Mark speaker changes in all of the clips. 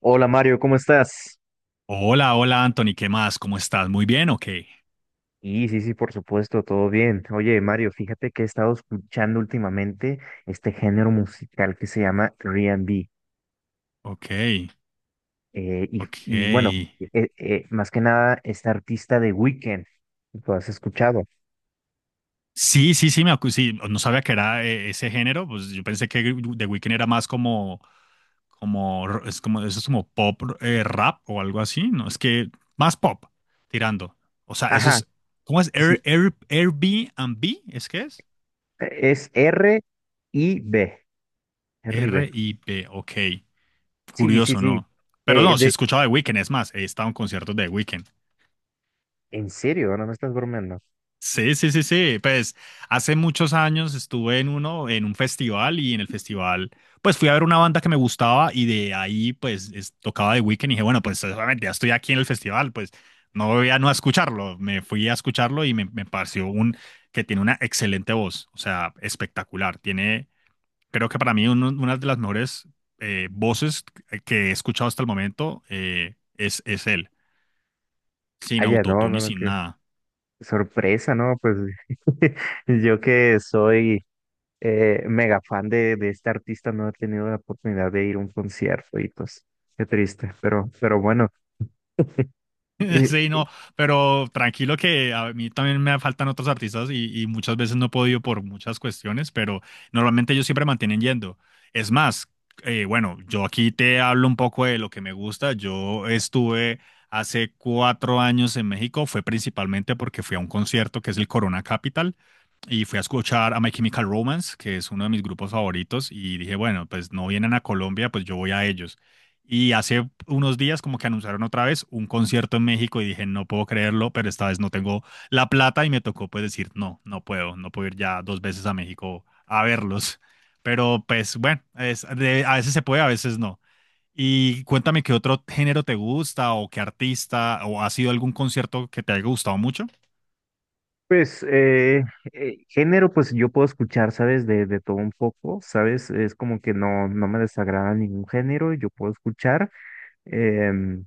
Speaker 1: Hola Mario, ¿cómo estás?
Speaker 2: Hola, hola Anthony, ¿qué más? ¿Cómo estás? ¿Muy bien o qué?
Speaker 1: Sí, sí, por supuesto, todo bien. Oye, Mario, fíjate que he estado escuchando últimamente este género musical que se llama R&B.
Speaker 2: Ok,
Speaker 1: Y bueno,
Speaker 2: ok.
Speaker 1: más que nada, este artista de Weekend, ¿lo has escuchado?
Speaker 2: Sí, sí, sí, sí, no sabía que era ese género, pues yo pensé que The Weeknd era más como, como, es como, eso es como pop, rap o algo así, ¿no? Es que más pop, tirando. O sea, eso
Speaker 1: Ajá,
Speaker 2: es, ¿cómo es?
Speaker 1: sí,
Speaker 2: Airbnb, ¿es que es?
Speaker 1: es y B, R y B.
Speaker 2: R-I-B, ok.
Speaker 1: Sí, sí,
Speaker 2: Curioso,
Speaker 1: sí.
Speaker 2: ¿no? Pero
Speaker 1: Eh,
Speaker 2: no, si
Speaker 1: de,
Speaker 2: escuchaba The Weeknd, es más, he estado en conciertos de The Weeknd.
Speaker 1: ¿En serio? ¿No me estás bromeando?
Speaker 2: Sí, sí, sí, sí. Pues hace muchos años estuve en uno, en un festival y en el festival, pues fui a ver una banda que me gustaba y de ahí, pues tocaba The Weeknd y dije, bueno, pues obviamente ya estoy aquí en el festival, pues no voy a no a escucharlo. Me fui a escucharlo y me pareció un que tiene una excelente voz, o sea, espectacular. Tiene, creo que para mí una de las mejores voces que he escuchado hasta el momento es él, sin
Speaker 1: Ah, ya, no,
Speaker 2: autotune
Speaker 1: no,
Speaker 2: y
Speaker 1: no,
Speaker 2: sin
Speaker 1: qué
Speaker 2: nada.
Speaker 1: sorpresa, ¿no? Pues yo que soy mega fan de este artista, no he tenido la oportunidad de ir a un concierto y pues qué triste, pero bueno. Eh,
Speaker 2: Sí, no, pero tranquilo que a mí también me faltan otros artistas y muchas veces no he podido por muchas cuestiones, pero normalmente ellos siempre mantienen yendo. Es más, bueno, yo aquí te hablo un poco de lo que me gusta. Yo estuve hace cuatro años en México, fue principalmente porque fui a un concierto que es el Corona Capital y fui a escuchar a My Chemical Romance, que es uno de mis grupos favoritos, y dije, bueno, pues no vienen a Colombia, pues yo voy a ellos. Y hace unos días como que anunciaron otra vez un concierto en México y dije, no puedo creerlo, pero esta vez no tengo la plata y me tocó pues decir, no, no puedo, no puedo ir ya dos veces a México a verlos. Pero pues bueno, es, a veces se puede, a veces no. Y cuéntame qué otro género te gusta o qué artista o ha sido algún concierto que te haya gustado mucho.
Speaker 1: pues eh, Género, pues yo puedo escuchar, ¿sabes? De todo un poco, ¿sabes? Es como que no, no me desagrada ningún género, yo puedo escuchar. em,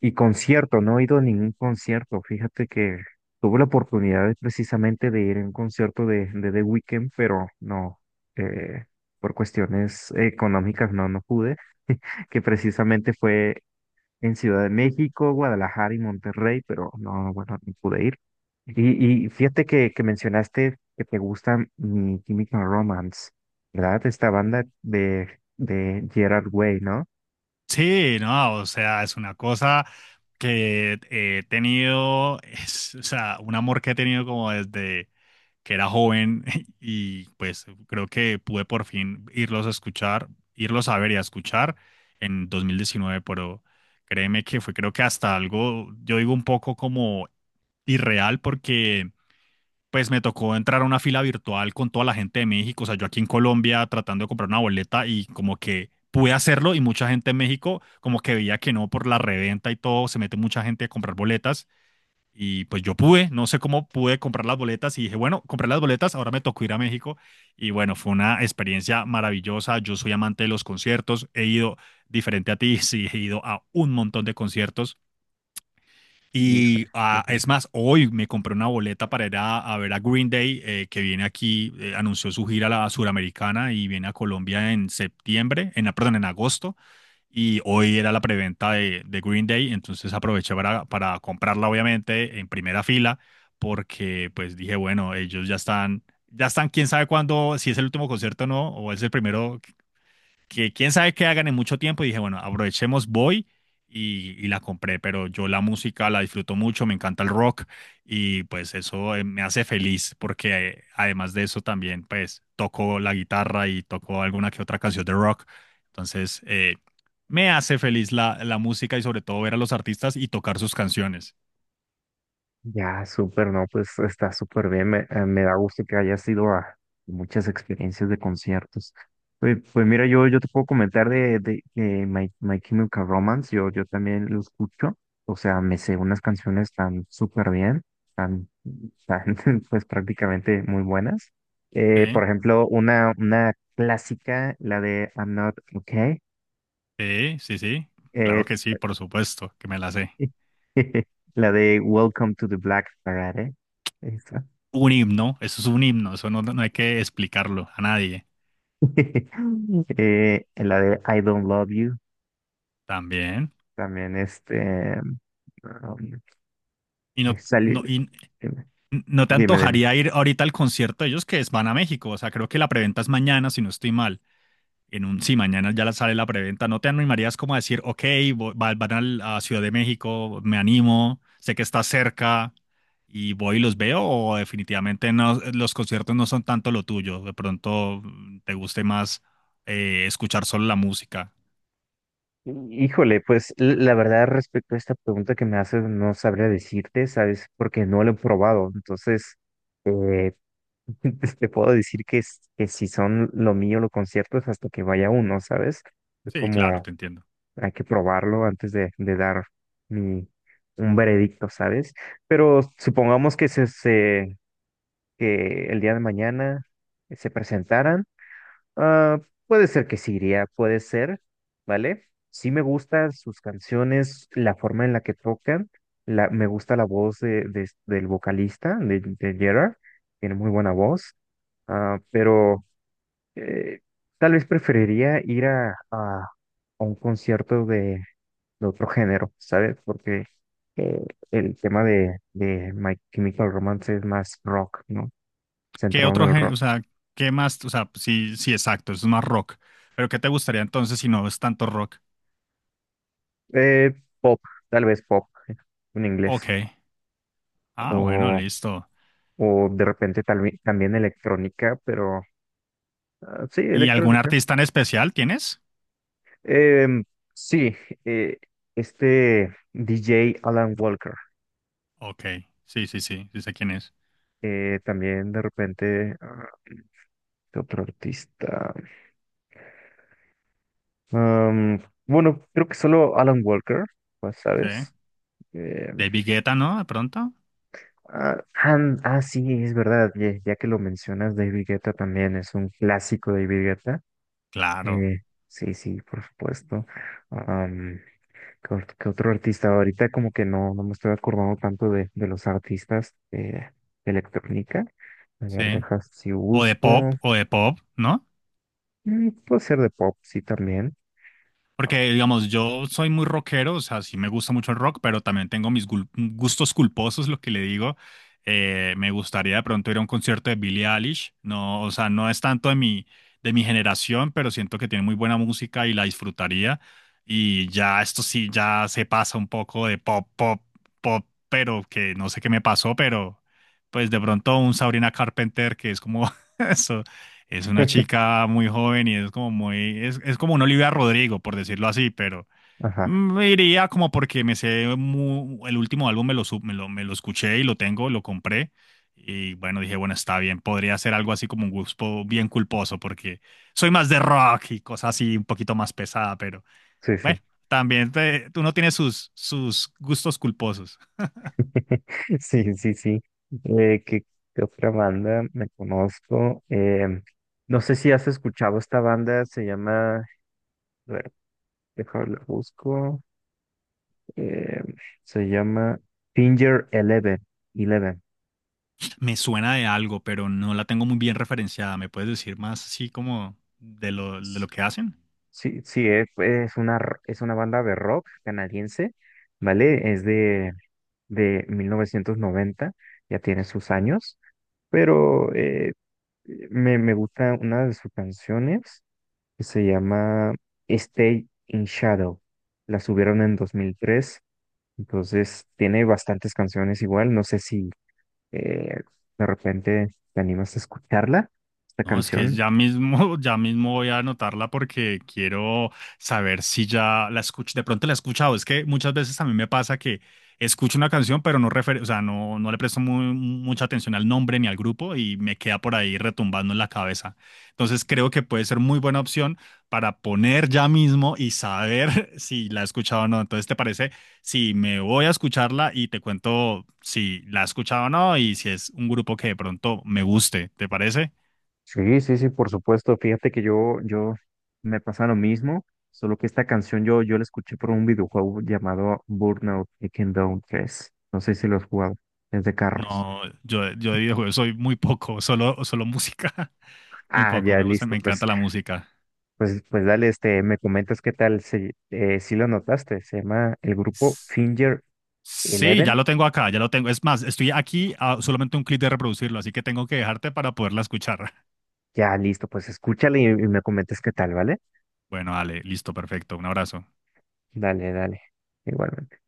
Speaker 1: y concierto, no he ido a ningún concierto, fíjate que tuve la oportunidad de, precisamente de ir a un concierto de The Weeknd, pero no, eh, por cuestiones económicas no, no pude. Que precisamente fue en Ciudad de México, Guadalajara y Monterrey, pero no, bueno, no pude ir. Y fíjate que mencionaste que te gusta mi Chemical Romance, ¿verdad? Esta banda de Gerard Way, ¿no?
Speaker 2: Sí, no, o sea, es una cosa que he tenido, es, o sea, un amor que he tenido como desde... que era joven y pues creo que pude por fin irlos a escuchar, irlos a ver y a escuchar en 2019, pero créeme que fue creo que hasta algo, yo digo un poco como irreal porque pues me tocó entrar a una fila virtual con toda la gente de México, o sea, yo aquí en Colombia tratando de comprar una boleta y como que pude hacerlo y mucha gente en México como que veía que no por la reventa y todo, se mete mucha gente a comprar boletas y pues yo pude, no sé cómo pude comprar las boletas y dije, bueno, compré las boletas, ahora me tocó ir a México. Y bueno, fue una experiencia maravillosa. Yo soy amante de los conciertos, he ido diferente a ti, sí, he ido a un montón de conciertos. Y
Speaker 1: Híjole.
Speaker 2: ah, es más, hoy me compré una boleta para ir a ver a Green Day, que viene aquí, anunció su gira a la suramericana y viene a Colombia en septiembre, en, perdón, en agosto y hoy era la preventa de Green Day, entonces aproveché para comprarla obviamente en primera fila porque pues dije, bueno, ya están, quién sabe cuándo, si es el último concierto o no, o es el primero que quién sabe qué hagan en mucho tiempo y dije, bueno, aprovechemos, voy y la compré, pero yo la música la disfruto mucho, me encanta el rock y pues eso me hace feliz porque además de eso también pues toco la guitarra y toco alguna que otra canción de rock, entonces me hace feliz la, la música y sobre todo ver a los artistas y tocar sus canciones.
Speaker 1: Ya, súper, no, pues está súper bien. Me da gusto que hayas ido a muchas experiencias de conciertos. Pues mira, yo te puedo comentar de My Chemical Romance. Yo también lo escucho. O sea, me sé unas canciones tan súper bien, tan, tan, pues prácticamente muy buenas. Por
Speaker 2: Sí,
Speaker 1: ejemplo, una clásica, la de I'm Not Okay.
Speaker 2: sí, sí, sí,
Speaker 1: eh,
Speaker 2: claro que sí, por supuesto, que me la sé.
Speaker 1: la de Welcome to the Black Parade. Esa.
Speaker 2: Un himno, eso es un himno, eso no, no hay que explicarlo a nadie.
Speaker 1: En la de I Don't Love You,
Speaker 2: También.
Speaker 1: también um,
Speaker 2: Y no,
Speaker 1: salió,
Speaker 2: no, y
Speaker 1: dime,
Speaker 2: no te
Speaker 1: dime. Dime.
Speaker 2: antojaría ir ahorita al concierto de ellos que es, van a México. O sea, creo que la preventa es mañana, si no estoy mal. En un, sí, mañana sale la preventa. ¿No te animarías como a decir, ok, van a Ciudad de México, me animo, sé que está cerca y voy y los veo? ¿O definitivamente no, los conciertos no son tanto lo tuyo? De pronto mm, te guste más escuchar solo la música.
Speaker 1: Híjole, pues la verdad respecto a esta pregunta que me haces, no sabría decirte, ¿sabes? Porque no lo he probado. Entonces, eh, te puedo decir que si son lo mío los conciertos hasta que vaya uno, ¿sabes? Es
Speaker 2: Sí, claro,
Speaker 1: como
Speaker 2: te entiendo.
Speaker 1: hay que probarlo antes de dar mi, un veredicto, ¿sabes? Pero supongamos que que el día de mañana se presentaran, ah, puede ser que sí iría, puede ser, ¿vale? Sí me gustan sus canciones, la forma en la que tocan, me gusta la voz del vocalista, de Gerard, tiene muy buena voz, ah, pero eh, tal vez preferiría ir a un concierto de otro género, ¿sabes? Porque eh, el tema de My Chemical Romance es más rock, ¿no?
Speaker 2: ¿Qué
Speaker 1: Centrado en
Speaker 2: otro
Speaker 1: el
Speaker 2: género?
Speaker 1: rock.
Speaker 2: O sea, ¿qué más? O sea, sí, sí, exacto, eso es más rock. Pero ¿qué te gustaría entonces si no es tanto rock?
Speaker 1: Eh, Pop, tal vez pop en
Speaker 2: Ok.
Speaker 1: inglés.
Speaker 2: Ah, bueno,
Speaker 1: O,
Speaker 2: listo.
Speaker 1: o de repente tal vez también electrónica, pero sí,
Speaker 2: ¿Y algún
Speaker 1: electrónica.
Speaker 2: artista en especial tienes?
Speaker 1: Em, sí, eh, este DJ Alan Walker.
Speaker 2: Ok. Sí, sí, sí, sí sé quién es.
Speaker 1: También de repente, ah, ¿qué otro artista? Am, bueno, creo que solo Alan Walker, pues,
Speaker 2: Sí.
Speaker 1: ¿sabes? Em,
Speaker 2: De Guetta, ¿no? De pronto.
Speaker 1: ah, ah, ah, sí, es verdad, ya que lo mencionas, David Guetta también es un clásico de David Guetta.
Speaker 2: Claro.
Speaker 1: Eh, sí, sí, por supuesto. Am, ¿Qué otro artista? Ahorita como que no, no me estoy acordando tanto de los artistas de electrónica. A ver,
Speaker 2: Sí.
Speaker 1: dejas si busco.
Speaker 2: O de pop, ¿no?
Speaker 1: Mm, puede ser de pop, sí, también. Ah,
Speaker 2: Porque, digamos, yo soy muy rockero, o sea, sí me gusta mucho el rock, pero también tengo mis gustos culposos, lo que le digo. Me gustaría de pronto ir a un concierto de Billie Eilish. No, o sea, no es tanto de de mi generación, pero siento que tiene muy buena música y la disfrutaría. Y ya esto sí, ya se pasa un poco de pop, pero que no sé qué me pasó, pero pues de pronto un Sabrina Carpenter, que es como eso. Es una chica muy joven y es como muy, es como una Olivia Rodrigo, por decirlo así, pero
Speaker 1: ajá,
Speaker 2: mm, me iría como porque el último álbum me lo escuché y lo tengo, lo compré. Y bueno, dije, bueno, está bien, podría ser algo así como un gusto bien culposo, porque soy más de rock y cosas así un poquito más pesada, pero
Speaker 1: sí, sí.
Speaker 2: bueno, también uno tiene sus, sus gustos culposos.
Speaker 1: Sí, sí, sí. Eh, ¿qué, ¿Qué otra banda me conozco? Em, no sé si has escuchado esta banda, se llama... A ver, déjame la busco. Eh, Se llama Finger Eleven. Eleven.
Speaker 2: Me suena de algo, pero no la tengo muy bien referenciada. ¿Me puedes decir más así como de lo que hacen?
Speaker 1: Sí, sí, es una, es una banda de rock canadiense, ¿vale? Es de 1990, ya tiene sus años, pero me gusta una de sus canciones que se llama Stay in Shadow. La subieron en 2003, entonces tiene bastantes canciones igual, no sé si... Eh, de repente te animas a escucharla, esta
Speaker 2: No, es que
Speaker 1: canción.
Speaker 2: ya mismo, ya mismo voy a anotarla porque quiero saber si ya la escuché. De pronto la he escuchado. Es que muchas veces a mí me pasa que escucho una canción, pero o sea, no, no le presto mucha atención al nombre ni al grupo y me queda por ahí retumbando en la cabeza. Entonces creo que puede ser muy buena opción para poner ya mismo y saber si la he escuchado o no. Entonces, ¿te parece si me voy a escucharla y te cuento si la he escuchado o no y si es un grupo que de pronto me guste? ¿Te parece?
Speaker 1: Sí, sí, sí, por supuesto. Fíjate que yo me pasa lo mismo, solo que esta canción yo la escuché por un videojuego llamado Burnout Takedown 3. No sé si lo has jugado, es de carros.
Speaker 2: No, yo de videojuegos soy muy poco, solo, solo música. Muy
Speaker 1: Ah,
Speaker 2: poco,
Speaker 1: ya,
Speaker 2: me gusta,
Speaker 1: listo,
Speaker 2: me encanta la música.
Speaker 1: pues dale, este, me comentas qué tal, si lo notaste, se llama el grupo
Speaker 2: S-
Speaker 1: Finger
Speaker 2: Sí, ya
Speaker 1: Eleven.
Speaker 2: lo tengo acá, ya lo tengo. Es más, estoy aquí a solamente un clic de reproducirlo, así que tengo que dejarte para poderla escuchar.
Speaker 1: Ya, listo, pues escúchale y me comentas qué tal, ¿vale?
Speaker 2: Bueno, dale, listo, perfecto. Un abrazo.
Speaker 1: Dale, dale, igualmente.